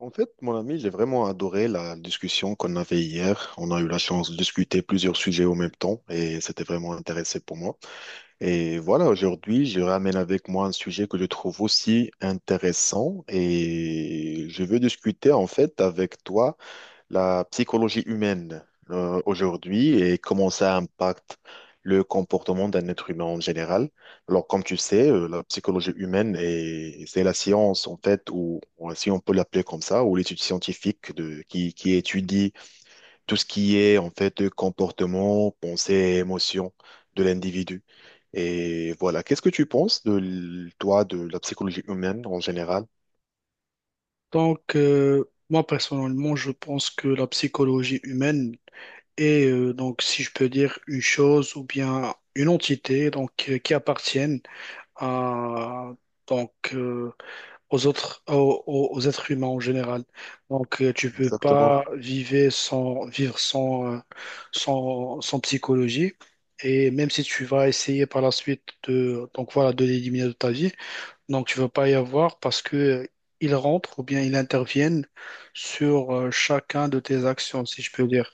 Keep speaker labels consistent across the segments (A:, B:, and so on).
A: En fait, mon ami, j'ai vraiment adoré la discussion qu'on avait hier. On a eu la chance de discuter plusieurs sujets au même temps et c'était vraiment intéressant pour moi. Et voilà, aujourd'hui, je ramène avec moi un sujet que je trouve aussi intéressant et je veux discuter en fait avec toi la psychologie humaine aujourd'hui et comment ça impacte le comportement d'un être humain en général. Alors, comme tu sais, la psychologie humaine c'est la science, en fait, ou si on peut l'appeler comme ça, ou l'étude scientifique de, qui étudie tout ce qui est, en fait, comportement, pensée et émotion de l'individu. Et voilà, qu'est-ce que tu penses de, toi, de la psychologie humaine en général?
B: Moi personnellement, je pense que la psychologie humaine est, donc, si je peux dire, une chose ou bien une entité donc, qui appartiennent à, donc, aux autres, aux êtres humains en général. Donc, tu peux
A: Exactement.
B: pas vivre sans, sans psychologie. Et même si tu vas essayer par la suite de, donc voilà, de l'éliminer de ta vie, donc, tu ne veux pas y avoir parce que ils rentrent ou bien ils interviennent sur chacun de tes actions, si je peux dire.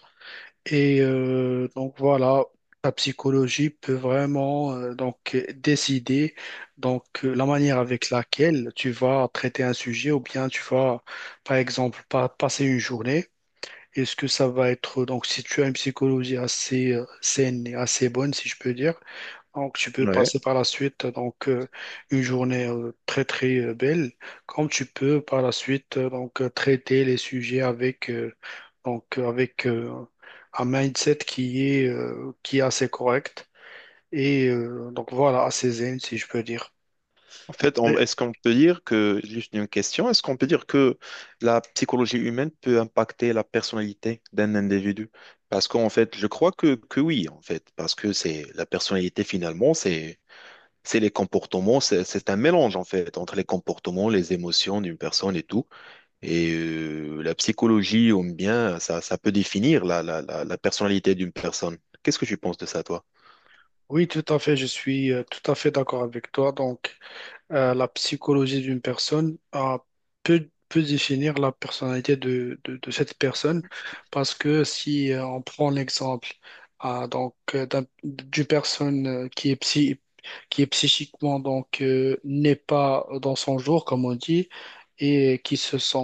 B: Et donc voilà, la psychologie peut vraiment décider la manière avec laquelle tu vas traiter un sujet ou bien tu vas par exemple passer une journée. Est-ce que ça va être donc si tu as une psychologie assez saine et assez bonne, si je peux dire, donc, tu peux passer par la suite une journée très très belle, comme tu peux par la suite traiter les sujets avec un mindset qui est assez correct et donc voilà assez zen si je peux dire.
A: En fait,
B: Et
A: est-ce qu'on peut dire que, juste une question, est-ce qu'on peut dire que la psychologie humaine peut impacter la personnalité d'un individu? Parce qu'en fait, je crois que oui, en fait, parce que c'est la personnalité finalement, c'est les comportements, c'est un mélange en fait entre les comportements, les émotions d'une personne et tout. Et la psychologie, ou bien, ça peut définir la personnalité d'une personne. Qu'est-ce que tu penses de ça, toi?
B: oui, tout à fait, je suis tout à fait d'accord avec toi. La psychologie d'une personne peut, peut définir la personnalité de, de cette personne parce que si on prend l'exemple ah, donc d'une personne qui est psy, qui est psychiquement donc n'est pas dans son jour comme on dit et qui se sent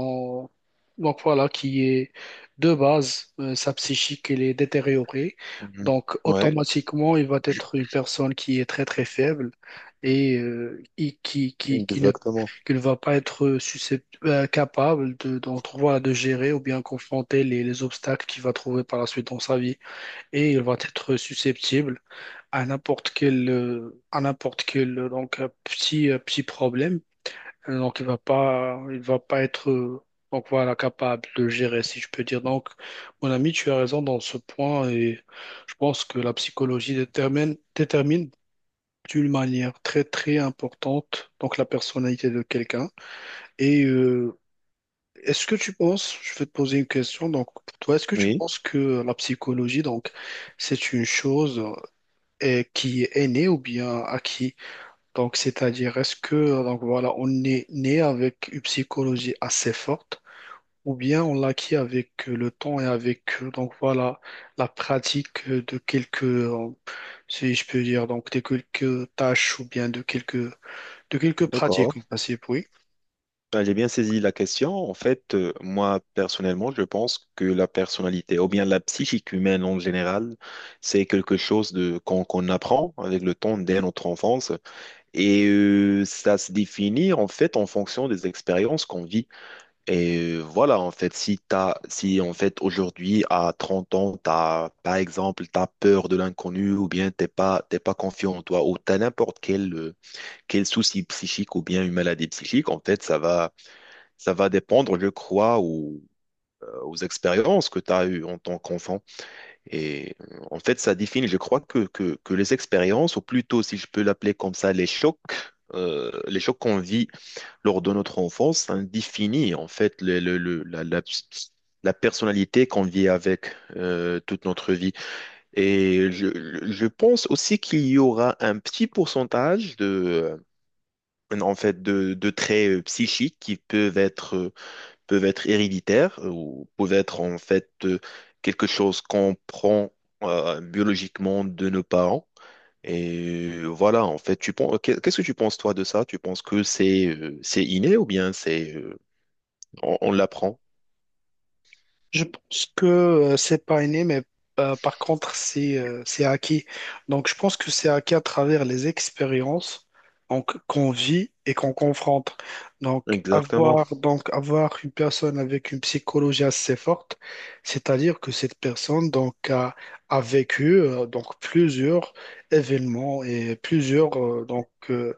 B: donc voilà qui est de base sa psychique elle est détériorée,
A: Mhm.
B: donc
A: Ouais,
B: automatiquement il va être une personne qui est très très faible et qui, qui, qui ne,
A: exactement.
B: qui ne va pas être capable de, d'entrevoir, de gérer ou bien confronter les obstacles qu'il va trouver par la suite dans sa vie. Et il va être susceptible à n'importe quel donc, petit, petit problème. Donc, il va pas être donc, voilà, capable de gérer, si je peux dire. Donc, mon ami, tu as raison dans ce point et je pense que la psychologie détermine, détermine d'une manière très très importante, donc la personnalité de quelqu'un. Et est-ce que tu penses, je vais te poser une question, donc pour toi, est-ce que tu
A: Oui,
B: penses que la psychologie, donc, c'est une chose qui est née ou bien acquis? Donc, c'est-à-dire, est-ce que, donc voilà, on est né avec une psychologie assez forte? Ou bien on l'acquis avec le temps et avec donc voilà la pratique de quelques si je peux dire donc de quelques tâches ou bien de quelques pratiques, on
A: d'accord.
B: passait, oui.
A: Ah, j'ai bien saisi la question. En fait, moi, personnellement, je pense que la personnalité, ou bien la psychique humaine en général, c'est quelque chose de, qu'on apprend avec le temps dès notre enfance. Et ça se définit, en fait, en fonction des expériences qu'on vit. Et voilà, en fait, si, en fait, aujourd'hui, à 30 ans, t'as, par exemple, t'as peur de l'inconnu, ou bien t'es pas confiant en toi, ou t'as n'importe quel souci psychique, ou bien une maladie psychique, en fait, ça va dépendre, je crois, aux expériences que tu as eues en tant qu'enfant. Et en fait, ça définit, je crois, que les expériences, ou plutôt, si je peux l'appeler comme ça, les chocs qu'on vit lors de notre enfance, ça définit en fait la personnalité qu'on vit avec toute notre vie. Et je, je pense aussi qu'il y aura un petit pourcentage de, en fait, de traits psychiques qui peuvent être héréditaires ou peuvent être en fait quelque chose qu'on prend biologiquement de nos parents. Et voilà, en fait, qu'est-ce que tu penses toi de ça? Tu penses que c'est inné ou bien c'est on l'apprend?
B: Je pense que c'est pas inné, mais par contre, c'est acquis. Donc, je pense que c'est acquis à travers les expériences donc, qu'on vit et qu'on confronte. Donc
A: Exactement.
B: avoir, donc, avoir une personne avec une psychologie assez forte, c'est-à-dire que cette personne donc, a, a vécu donc, plusieurs événements et plusieurs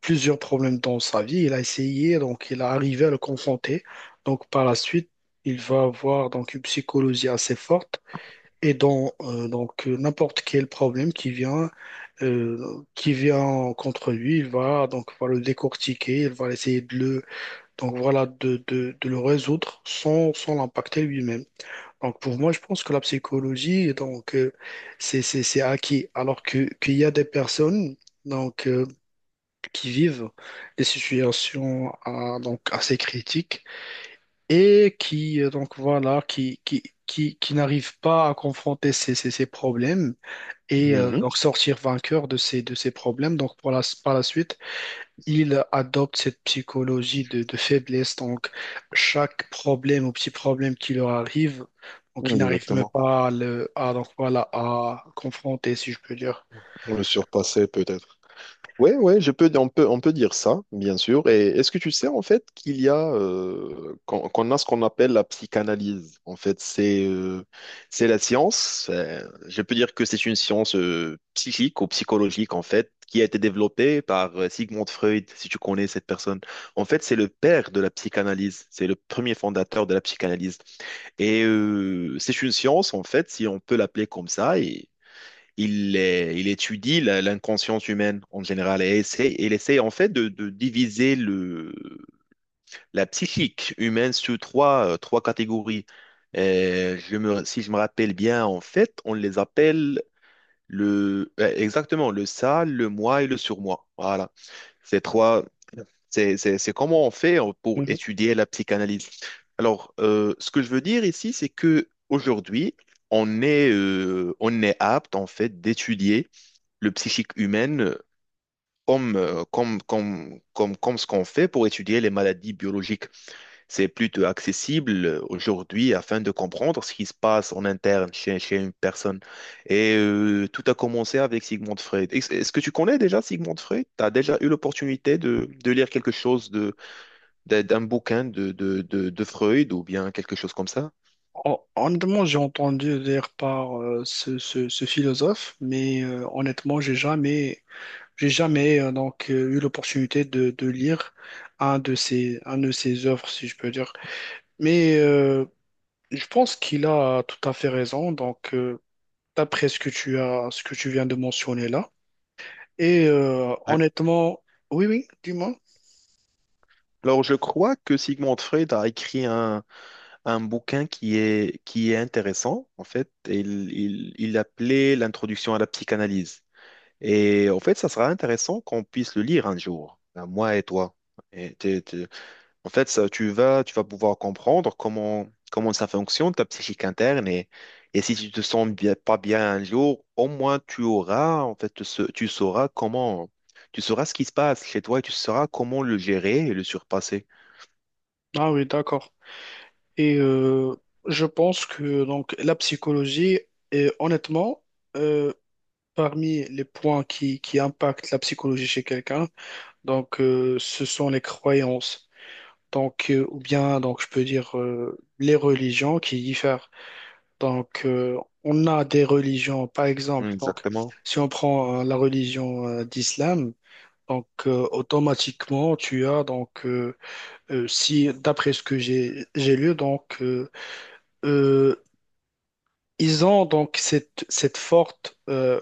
B: plusieurs problèmes dans sa vie. Il a essayé, donc il a arrivé à le confronter. Donc par la suite, il va avoir donc une psychologie assez forte et dans n'importe quel problème qui vient contre lui, il va le décortiquer, il va essayer de le donc voilà de, de le résoudre sans l'impacter lui-même. Donc pour moi, je pense que la psychologie c'est acquis alors que qu'il y a des personnes donc euh, qui vivent des situations donc assez critiques et qui donc voilà qui n'arrivent pas à confronter ces problèmes et
A: Mhm.
B: donc sortir vainqueur de ces problèmes donc par la suite ils adoptent cette psychologie de faiblesse. Donc chaque problème ou petit problème qui leur arrive, donc ils n'arrivent même
A: Exactement.
B: pas à le à donc voilà à confronter, si je peux dire.
A: Le surpasser peut-être. Oui, oui, on peut dire ça, bien sûr. Et est-ce que tu sais en fait qu'il y a qu'on a ce qu'on appelle la psychanalyse. En fait, c'est la science. Je peux dire que c'est une science psychique ou psychologique en fait qui a été développée par Sigmund Freud, si tu connais cette personne. En fait, c'est le père de la psychanalyse. C'est le premier fondateur de la psychanalyse. Et c'est une science, en fait, si on peut l'appeler comme ça, et il étudie l'inconscience humaine en général et il essaie en fait de diviser la psychique humaine sur trois catégories. Si je me rappelle bien, en fait, on les appelle exactement le ça, le moi et le surmoi. Voilà. Ces trois, c'est comment on fait pour étudier la psychanalyse. Alors, ce que je veux dire ici, c'est que aujourd'hui, on est apte en fait d'étudier le psychique humaine comme ce qu'on fait pour étudier les maladies biologiques. C'est plutôt accessible aujourd'hui afin de comprendre ce qui se passe en interne chez une personne. Et tout a commencé avec Sigmund Freud. Est-ce que tu connais déjà Sigmund Freud? Tu as déjà eu l'opportunité de lire quelque chose d'un bouquin de Freud ou bien quelque chose comme ça?
B: Honnêtement, j'ai entendu dire par ce philosophe, mais honnêtement, j'ai jamais eu l'opportunité de lire un de ses œuvres, si je peux dire. Mais je pense qu'il a tout à fait raison. Donc, d'après ce que tu as, ce que tu viens de mentionner là, et
A: Ouais.
B: honnêtement, oui, oui, dis-moi.
A: Alors, je crois que Sigmund Freud a écrit un bouquin qui est intéressant, en fait. Il l'appelait L'introduction à la psychanalyse. Et en fait, ça sera intéressant qu'on puisse le lire un jour, ben, moi et toi. Et en fait, ça, tu vas pouvoir comprendre comment, comment ça fonctionne, ta psychique interne. Et si tu te sens bien, pas bien un jour, au moins tu auras, en fait, tu sauras comment, tu sauras ce qui se passe chez toi et tu sauras comment le gérer et le surpasser.
B: Ah oui, d'accord. Et je pense que donc la psychologie, est, honnêtement. euh, Parmi les points qui impactent la psychologie chez quelqu'un, ce sont les croyances. Donc, ou bien donc je peux dire les religions qui diffèrent. Donc, on a des religions, par exemple, donc
A: Exactement.
B: si on prend la religion d'islam, donc automatiquement tu as si d'après ce que j'ai lu euh, ils ont donc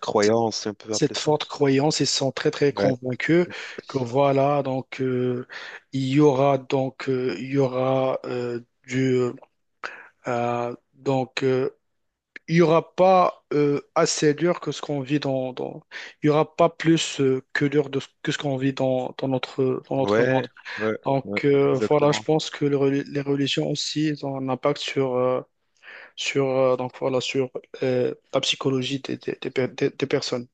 A: Croyance, on peut appeler
B: cette
A: ça.
B: forte croyance, ils sont très très
A: Ouais.
B: convaincus que voilà, il y aura il y aura du donc il y aura pas assez dur que ce qu'on vit dans, dans il y aura pas plus que dur de, que ce qu'on vit dans notre monde.
A: Ouais, ouais,
B: Donc
A: ouais,
B: voilà, je
A: exactement.
B: pense que les religions aussi elles ont un impact sur donc voilà sur la psychologie des des personnes.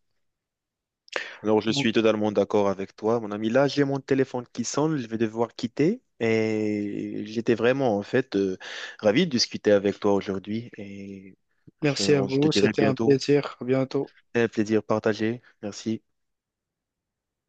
A: Alors, je suis totalement d'accord avec toi, mon ami. Là, j'ai mon téléphone qui sonne, je vais devoir quitter. Et j'étais vraiment, en fait, ravi de discuter avec toi aujourd'hui. Je,
B: Merci à
A: je te
B: vous,
A: dirai
B: c'était un
A: bientôt.
B: plaisir. À bientôt.
A: Un plaisir partagé. Merci.